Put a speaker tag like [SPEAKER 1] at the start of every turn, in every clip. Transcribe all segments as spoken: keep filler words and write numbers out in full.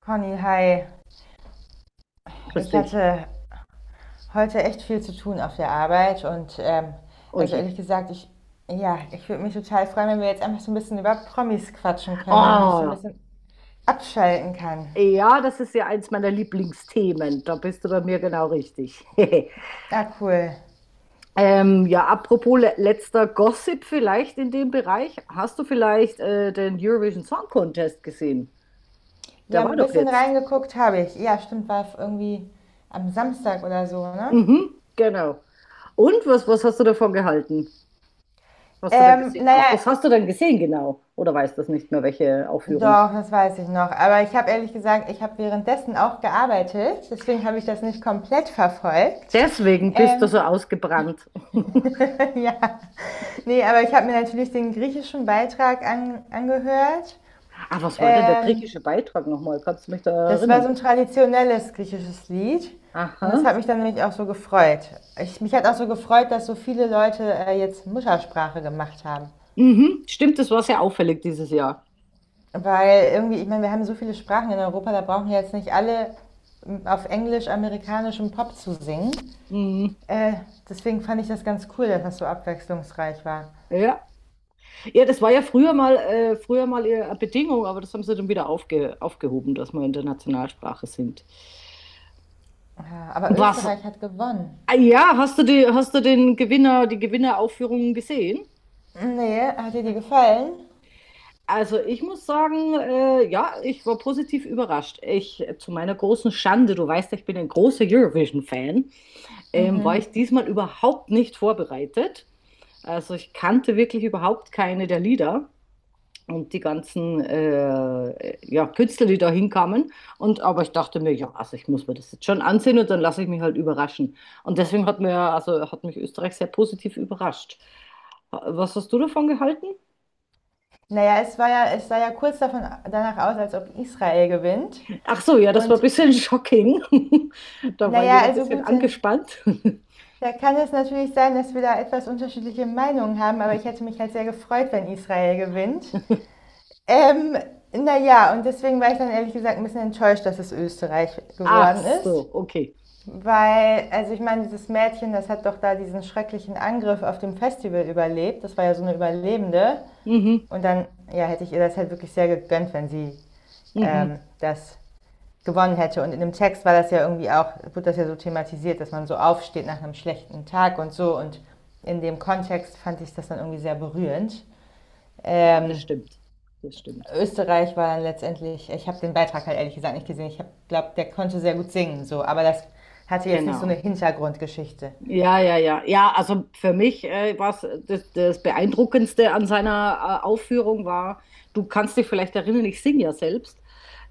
[SPEAKER 1] Conny, hi.
[SPEAKER 2] Grüß
[SPEAKER 1] Ich
[SPEAKER 2] dich.
[SPEAKER 1] hatte heute echt viel zu tun auf der Arbeit und ähm,
[SPEAKER 2] Oh
[SPEAKER 1] also
[SPEAKER 2] je.
[SPEAKER 1] ehrlich gesagt, ich, ja, ich würde mich total freuen, wenn wir jetzt einfach so ein bisschen über Promis quatschen können, damit ich so ein
[SPEAKER 2] Oh,
[SPEAKER 1] bisschen abschalten kann.
[SPEAKER 2] ja, das ist ja eins meiner Lieblingsthemen. Da bist du bei mir genau richtig.
[SPEAKER 1] Ah, cool.
[SPEAKER 2] ähm, ja, apropos le letzter Gossip vielleicht in dem Bereich. Hast du vielleicht äh, den Eurovision Song Contest gesehen?
[SPEAKER 1] Ja,
[SPEAKER 2] Der war
[SPEAKER 1] ein
[SPEAKER 2] doch
[SPEAKER 1] bisschen
[SPEAKER 2] jetzt.
[SPEAKER 1] reingeguckt habe ich. Ja, stimmt, war irgendwie am Samstag oder so, ne?
[SPEAKER 2] Mhm, genau. Und was, was hast du davon gehalten, was du da
[SPEAKER 1] Ähm,
[SPEAKER 2] gesehen hast?
[SPEAKER 1] naja,
[SPEAKER 2] Was hast du denn gesehen genau? Oder weißt du das nicht mehr, welche Aufführung?
[SPEAKER 1] doch, das weiß ich noch. Aber ich habe ehrlich gesagt, ich habe währenddessen auch gearbeitet. Deswegen habe ich das nicht komplett verfolgt.
[SPEAKER 2] Deswegen bist du so
[SPEAKER 1] Ähm,
[SPEAKER 2] ausgebrannt.
[SPEAKER 1] ja. Nee, aber ich habe mir natürlich den griechischen Beitrag an, angehört.
[SPEAKER 2] Ah, was war denn der
[SPEAKER 1] Ähm,
[SPEAKER 2] griechische Beitrag nochmal? Kannst du mich da
[SPEAKER 1] das war
[SPEAKER 2] erinnern?
[SPEAKER 1] so ein traditionelles griechisches Lied. Und das
[SPEAKER 2] Aha.
[SPEAKER 1] hat mich dann nämlich auch so gefreut. Ich, mich hat auch so gefreut, dass so viele Leute äh, jetzt Muttersprache gemacht haben.
[SPEAKER 2] Mhm. Stimmt, das war sehr auffällig dieses Jahr.
[SPEAKER 1] Weil irgendwie, ich meine, wir haben so viele Sprachen in Europa, da brauchen wir jetzt nicht alle ähm, auf englisch-amerikanischem Pop zu singen.
[SPEAKER 2] Mhm.
[SPEAKER 1] Äh, deswegen fand ich das ganz cool, dass das so abwechslungsreich war.
[SPEAKER 2] Ja. Ja, das war ja früher mal, äh, früher mal eher eine Bedingung, aber das haben sie dann wieder aufge aufgehoben, dass wir in der Nationalsprache sind.
[SPEAKER 1] Ja, aber
[SPEAKER 2] Was?
[SPEAKER 1] Österreich hat gewonnen.
[SPEAKER 2] Ah, ja, hast du die, hast du den Gewinner, die Gewinneraufführungen gesehen?
[SPEAKER 1] Nee, hat dir die
[SPEAKER 2] Ja.
[SPEAKER 1] gefallen?
[SPEAKER 2] Also ich muss sagen, äh, ja, ich war positiv überrascht. Ich, äh, zu meiner großen Schande, du weißt, ja, ich bin ein großer Eurovision-Fan, ähm, war ich diesmal überhaupt nicht vorbereitet. Also ich kannte wirklich überhaupt keine der Lieder und die ganzen äh, ja, Künstler, die da hinkamen. Und aber ich dachte mir, ja, also ich muss mir das jetzt schon ansehen und dann lasse ich mich halt überraschen. Und deswegen hat mir, also hat mich Österreich sehr positiv überrascht. Was hast du davon gehalten?
[SPEAKER 1] Naja, es war ja, es sah ja kurz davon, danach aus, als ob Israel gewinnt.
[SPEAKER 2] Ach so, ja, das war ein
[SPEAKER 1] Und
[SPEAKER 2] bisschen shocking. Da war
[SPEAKER 1] naja,
[SPEAKER 2] jeder ein
[SPEAKER 1] also
[SPEAKER 2] bisschen
[SPEAKER 1] gut, dann
[SPEAKER 2] angespannt.
[SPEAKER 1] da kann es natürlich sein, dass wir da etwas unterschiedliche Meinungen haben, aber ich hätte mich halt sehr gefreut, wenn Israel gewinnt. Ähm, naja, und deswegen war ich dann ehrlich gesagt ein bisschen enttäuscht, dass es Österreich
[SPEAKER 2] Ach
[SPEAKER 1] geworden ist.
[SPEAKER 2] so, okay.
[SPEAKER 1] Weil, also ich meine, dieses Mädchen, das hat doch da diesen schrecklichen Angriff auf dem Festival überlebt. Das war ja so eine Überlebende.
[SPEAKER 2] Mhm,
[SPEAKER 1] Und dann, ja, hätte ich ihr das halt wirklich sehr gegönnt, wenn sie
[SPEAKER 2] mhm.
[SPEAKER 1] ähm, das gewonnen hätte. Und in dem Text war das ja irgendwie auch, wird das ja so thematisiert, dass man so aufsteht nach einem schlechten Tag und so. Und in dem Kontext fand ich das dann irgendwie sehr berührend.
[SPEAKER 2] Ja, das
[SPEAKER 1] Ähm,
[SPEAKER 2] stimmt. Das stimmt.
[SPEAKER 1] Österreich war dann letztendlich, ich habe den Beitrag halt ehrlich gesagt nicht gesehen. Ich glaube, der konnte sehr gut singen, so, aber das hatte jetzt nicht so eine
[SPEAKER 2] Genau.
[SPEAKER 1] Hintergrundgeschichte.
[SPEAKER 2] Ja, ja, ja. Ja, also für mich äh, war das, das Beeindruckendste an seiner äh, Aufführung war, du kannst dich vielleicht erinnern, ich singe ja selbst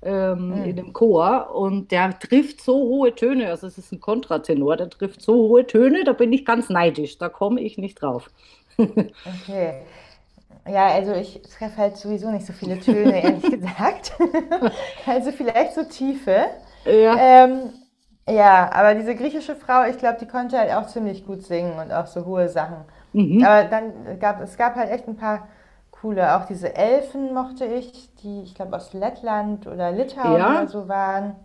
[SPEAKER 2] ähm,
[SPEAKER 1] Hm,
[SPEAKER 2] in dem Chor und der trifft so hohe Töne, also es ist ein Kontratenor, der trifft so hohe Töne, da bin ich ganz neidisch, da komme ich nicht drauf.
[SPEAKER 1] okay. Ja, also ich treffe halt sowieso nicht so viele Töne, ehrlich gesagt. also vielleicht so Tiefe.
[SPEAKER 2] Ja,
[SPEAKER 1] Ähm, ja, aber diese griechische Frau, ich glaube, die konnte halt auch ziemlich gut singen und auch so hohe Sachen.
[SPEAKER 2] mhm.
[SPEAKER 1] Aber dann gab es gab halt echt ein paar coole, auch diese Elfen mochte ich, die ich glaube aus Lettland oder Litauen oder
[SPEAKER 2] Ja,
[SPEAKER 1] so waren.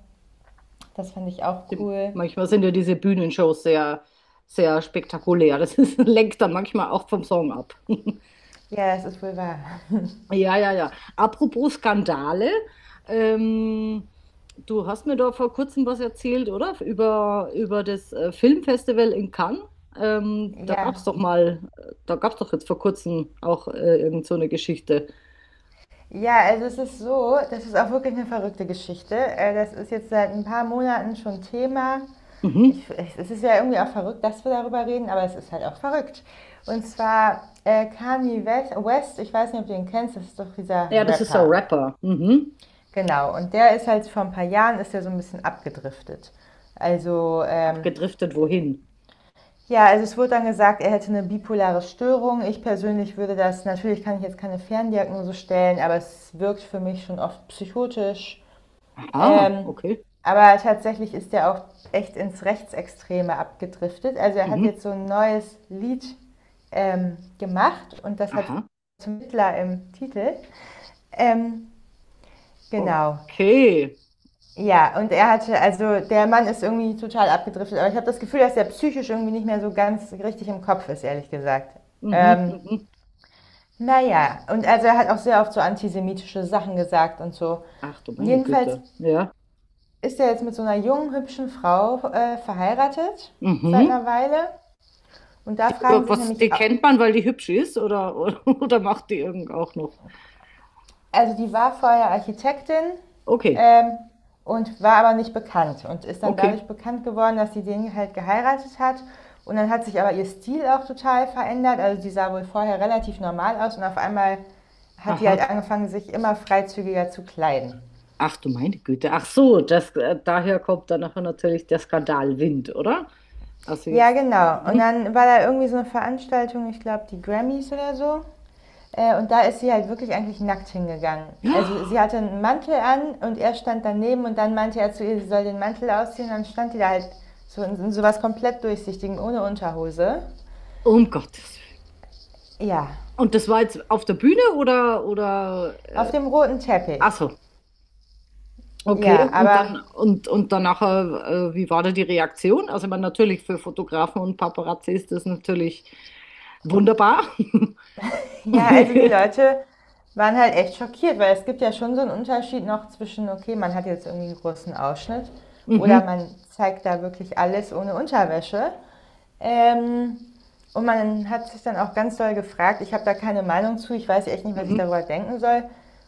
[SPEAKER 1] Das fand ich auch
[SPEAKER 2] stimmt.
[SPEAKER 1] cool.
[SPEAKER 2] Manchmal sind ja diese Bühnenshows sehr, sehr spektakulär. Das ist, lenkt dann manchmal auch vom Song ab.
[SPEAKER 1] Ja, das ist wohl wahr.
[SPEAKER 2] Ja, ja, ja. Apropos Skandale, ähm, du hast mir da vor kurzem was erzählt, oder? Über, über das äh, Filmfestival in Cannes. Ähm, da gab es
[SPEAKER 1] Ja.
[SPEAKER 2] doch mal, da gab es doch jetzt vor kurzem auch äh, irgend so eine Geschichte.
[SPEAKER 1] Ja, also es ist so, das ist auch wirklich eine verrückte Geschichte. Äh, Das ist jetzt seit ein paar Monaten schon Thema.
[SPEAKER 2] Mhm.
[SPEAKER 1] Ich, ich, es ist ja irgendwie auch verrückt, dass wir darüber reden, aber es ist halt auch verrückt. Und zwar äh, Kanye West, ich weiß nicht, ob du ihn kennst, das ist doch dieser
[SPEAKER 2] Ja, das ist ein
[SPEAKER 1] Rapper.
[SPEAKER 2] Rapper. Mhm.
[SPEAKER 1] Genau, und der ist halt vor ein paar Jahren, ist er so ein bisschen abgedriftet. Also, ähm,
[SPEAKER 2] Abgedriftet wohin?
[SPEAKER 1] ja, also es wurde dann gesagt, er hätte eine bipolare Störung. Ich persönlich würde das, natürlich kann ich jetzt keine Ferndiagnose stellen, aber es wirkt für mich schon oft psychotisch.
[SPEAKER 2] Aha,
[SPEAKER 1] Ähm,
[SPEAKER 2] okay.
[SPEAKER 1] aber tatsächlich ist er auch echt ins Rechtsextreme abgedriftet. Also er hat
[SPEAKER 2] Mhm.
[SPEAKER 1] jetzt so ein neues Lied ähm, gemacht und das hat
[SPEAKER 2] Aha,
[SPEAKER 1] zum Hitler im Titel. Ähm, genau.
[SPEAKER 2] okay.
[SPEAKER 1] Ja, und er hatte, also der Mann ist irgendwie total abgedriftet, aber ich habe das Gefühl, dass er psychisch irgendwie nicht mehr so ganz richtig im Kopf ist, ehrlich gesagt.
[SPEAKER 2] Mhm,
[SPEAKER 1] Ähm,
[SPEAKER 2] mhm.
[SPEAKER 1] naja, und also er hat auch sehr oft so antisemitische Sachen gesagt und so.
[SPEAKER 2] Ach du meine
[SPEAKER 1] Jedenfalls
[SPEAKER 2] Güte. Ja.
[SPEAKER 1] ist ja jetzt mit so einer jungen, hübschen Frau äh, verheiratet seit
[SPEAKER 2] Mhm.
[SPEAKER 1] einer Weile. Und da fragen sich
[SPEAKER 2] Was, die
[SPEAKER 1] nämlich,
[SPEAKER 2] kennt man, weil die hübsch ist, oder, oder, oder macht die irgend auch noch?
[SPEAKER 1] also die war vorher Architektin
[SPEAKER 2] Okay,
[SPEAKER 1] ähm, und war aber nicht bekannt und ist dann
[SPEAKER 2] okay,
[SPEAKER 1] dadurch bekannt geworden, dass sie den halt geheiratet hat. Und dann hat sich aber ihr Stil auch total verändert. Also die sah wohl vorher relativ normal aus und auf einmal hat die
[SPEAKER 2] aha.
[SPEAKER 1] halt angefangen, sich immer freizügiger zu kleiden.
[SPEAKER 2] Ach du meine Güte. Ach so, das, äh, daher kommt dann nachher natürlich der Skandalwind, oder? Also
[SPEAKER 1] Ja,
[SPEAKER 2] jetzt.
[SPEAKER 1] genau. Und
[SPEAKER 2] Mhm.
[SPEAKER 1] dann war da irgendwie so eine Veranstaltung, ich glaube, die Grammys oder so. Äh, und da ist sie halt wirklich eigentlich nackt hingegangen. Also sie
[SPEAKER 2] Ja,
[SPEAKER 1] hatte einen Mantel an und er stand daneben und dann meinte er zu ihr, sie soll den Mantel ausziehen. Und dann stand die da halt so in, in sowas komplett durchsichtigen, ohne Unterhose.
[SPEAKER 2] um Gottes Willen.
[SPEAKER 1] Ja,
[SPEAKER 2] Und das war jetzt auf der Bühne oder, oder,
[SPEAKER 1] auf
[SPEAKER 2] äh,
[SPEAKER 1] dem roten
[SPEAKER 2] ach
[SPEAKER 1] Teppich.
[SPEAKER 2] so, okay.
[SPEAKER 1] Ja,
[SPEAKER 2] Und
[SPEAKER 1] aber
[SPEAKER 2] dann, und, und dann nachher, äh, wie war da die Reaktion? Also, ich meine, natürlich für Fotografen und Paparazzi ist das natürlich wunderbar.
[SPEAKER 1] ja, also die Leute waren halt echt schockiert, weil es gibt ja schon so einen Unterschied noch zwischen, okay, man hat jetzt irgendwie einen großen Ausschnitt oder
[SPEAKER 2] Mhm,
[SPEAKER 1] man zeigt da wirklich alles ohne Unterwäsche. Ähm, und man hat sich dann auch ganz doll gefragt, ich habe da keine Meinung zu, ich weiß echt nicht, was ich
[SPEAKER 2] mhm.
[SPEAKER 1] darüber denken soll,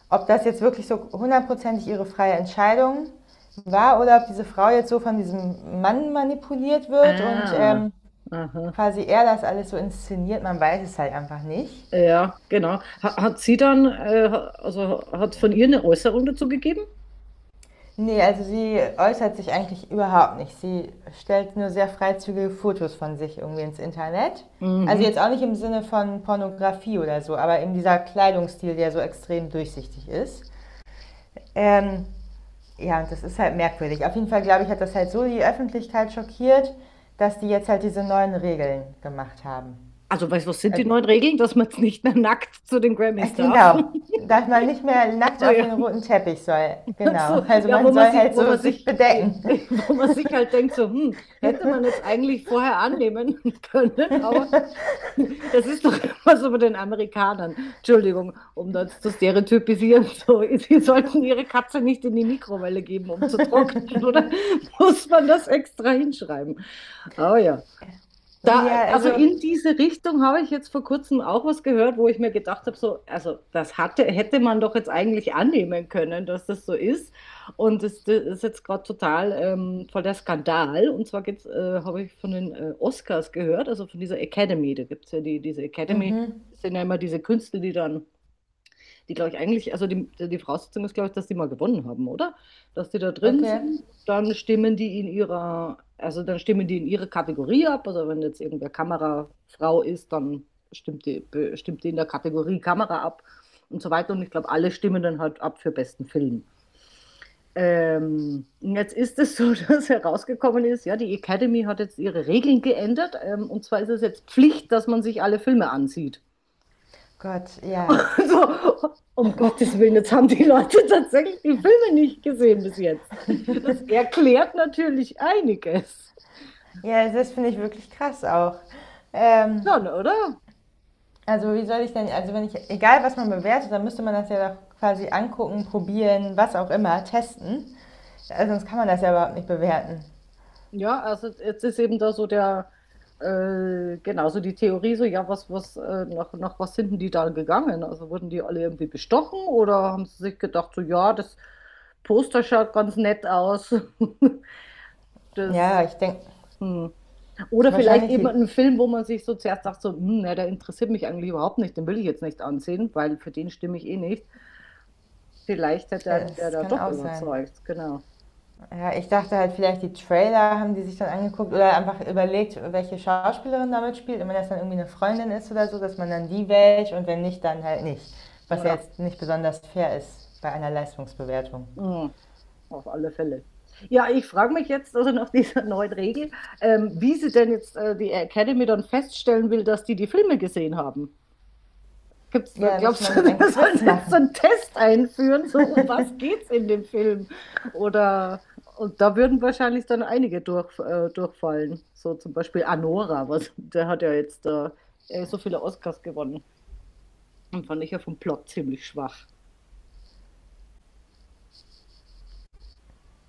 [SPEAKER 1] ob das jetzt wirklich so hundertprozentig ihre freie Entscheidung war oder ob diese Frau jetzt so von diesem Mann manipuliert wird und
[SPEAKER 2] Ah,
[SPEAKER 1] ähm,
[SPEAKER 2] aha.
[SPEAKER 1] quasi er das alles so inszeniert, man weiß es halt einfach nicht.
[SPEAKER 2] Ja, genau. Ha- Hat sie dann, äh, ha- also hat es von ihr eine Äußerung dazu gegeben?
[SPEAKER 1] Nee, also sie äußert sich eigentlich überhaupt nicht. Sie stellt nur sehr freizügige Fotos von sich irgendwie ins Internet. Also
[SPEAKER 2] Mhm.
[SPEAKER 1] jetzt auch nicht im Sinne von Pornografie oder so, aber eben dieser Kleidungsstil, der so extrem durchsichtig ist. Ähm, ja, und das ist halt merkwürdig. Auf jeden Fall, glaube ich, hat das halt so die Öffentlichkeit schockiert, dass die jetzt halt diese neuen Regeln gemacht haben.
[SPEAKER 2] Also, weißt du, was sind die
[SPEAKER 1] Also,
[SPEAKER 2] neuen Regeln, dass man jetzt nicht mehr nackt zu den
[SPEAKER 1] äh,
[SPEAKER 2] Grammys darf?
[SPEAKER 1] genau. Dass man nicht mehr nackt
[SPEAKER 2] Also,
[SPEAKER 1] auf
[SPEAKER 2] ja,
[SPEAKER 1] den roten Teppich soll.
[SPEAKER 2] so,
[SPEAKER 1] Genau. Also
[SPEAKER 2] ja, wo
[SPEAKER 1] man
[SPEAKER 2] man
[SPEAKER 1] soll
[SPEAKER 2] sich,
[SPEAKER 1] halt
[SPEAKER 2] wo
[SPEAKER 1] so
[SPEAKER 2] man
[SPEAKER 1] sich
[SPEAKER 2] sich, äh,
[SPEAKER 1] bedecken.
[SPEAKER 2] wo man sich halt denkt, so, hm, hätte man jetzt eigentlich vorher annehmen können, aber das ist doch immer so bei den Amerikanern. Entschuldigung, um das zu stereotypisieren. So, sie sollten ihre Katze nicht in die Mikrowelle geben, um zu trocknen, oder? Muss man das extra hinschreiben? Oh ja. Da,
[SPEAKER 1] Ja,
[SPEAKER 2] also
[SPEAKER 1] also,
[SPEAKER 2] in diese Richtung habe ich jetzt vor kurzem auch was gehört, wo ich mir gedacht habe, so, also das hatte, hätte man doch jetzt eigentlich annehmen können, dass das so ist. Und das, das ist jetzt gerade total ähm, voll der Skandal. Und zwar geht's, äh, habe ich von den äh, Oscars gehört, also von dieser Academy. Da gibt es ja die, diese Academy, das sind ja immer diese Künstler, die dann die, glaube ich, eigentlich, also die, die Voraussetzung ist, glaube ich, dass die mal gewonnen haben, oder? Dass die da drin
[SPEAKER 1] okay.
[SPEAKER 2] sind, dann stimmen die in ihrer, also dann stimmen die in ihre Kategorie ab. Also wenn jetzt irgendwer Kamerafrau ist, dann stimmt die, be- stimmt die in der Kategorie Kamera ab und so weiter. Und ich glaube, alle stimmen dann halt ab für besten Film. Ähm, und jetzt ist es so, dass herausgekommen ist, ja, die Academy hat jetzt ihre Regeln geändert. Ähm, und zwar ist es jetzt Pflicht, dass man sich alle Filme ansieht.
[SPEAKER 1] Gott, ja.
[SPEAKER 2] So, um Gottes Willen, jetzt haben die Leute tatsächlich die Filme nicht gesehen bis jetzt. Das erklärt natürlich einiges.
[SPEAKER 1] Ja, das finde ich wirklich krass auch. Ähm,
[SPEAKER 2] Schon, oder?
[SPEAKER 1] also wie soll ich denn, also wenn ich, egal was man bewertet, dann müsste man das ja doch quasi angucken, probieren, was auch immer, testen. Also sonst kann man das ja überhaupt nicht bewerten.
[SPEAKER 2] Ja, also jetzt ist eben da so der, äh, genau, so die Theorie, so, ja, was, was, äh, nach, nach was sind denn die da gegangen? Also wurden die alle irgendwie bestochen oder haben sie sich gedacht, so, ja, das Poster schaut ganz nett aus. Das.
[SPEAKER 1] Ja, ich denke,
[SPEAKER 2] Hm. Oder vielleicht
[SPEAKER 1] wahrscheinlich
[SPEAKER 2] eben
[SPEAKER 1] die,
[SPEAKER 2] einen Film, wo man sich so zuerst sagt, so, hm, na, der interessiert mich eigentlich überhaupt nicht, den will ich jetzt nicht ansehen, weil für den stimme ich eh nicht. Vielleicht hat
[SPEAKER 1] äh,
[SPEAKER 2] dann der
[SPEAKER 1] es
[SPEAKER 2] da
[SPEAKER 1] kann
[SPEAKER 2] doch
[SPEAKER 1] auch sein.
[SPEAKER 2] überzeugt, genau.
[SPEAKER 1] Ja, ich dachte halt vielleicht die Trailer haben die sich dann angeguckt oder einfach überlegt, welche Schauspielerin damit spielt. Und wenn das dann irgendwie eine Freundin ist oder so, dass man dann die wählt und wenn nicht, dann halt nicht. Was ja
[SPEAKER 2] Ja,
[SPEAKER 1] jetzt nicht besonders fair ist bei einer Leistungsbewertung.
[SPEAKER 2] hm, auf alle Fälle. Ja, ich frage mich jetzt also nach dieser neuen Regel, ähm, wie sie denn jetzt äh, die Academy dann feststellen will, dass die die Filme gesehen haben. Gibt's da,
[SPEAKER 1] Ja, da müsste
[SPEAKER 2] glaubst du,
[SPEAKER 1] man ein
[SPEAKER 2] wir
[SPEAKER 1] Quiz
[SPEAKER 2] sollen jetzt so
[SPEAKER 1] machen.
[SPEAKER 2] einen Test einführen, so um was geht's in dem Film? Oder und da würden wahrscheinlich dann einige durch, äh, durchfallen. So zum Beispiel Anora, was, der hat ja jetzt äh, äh, so viele Oscars gewonnen. Und fand ich ja vom Plot ziemlich schwach.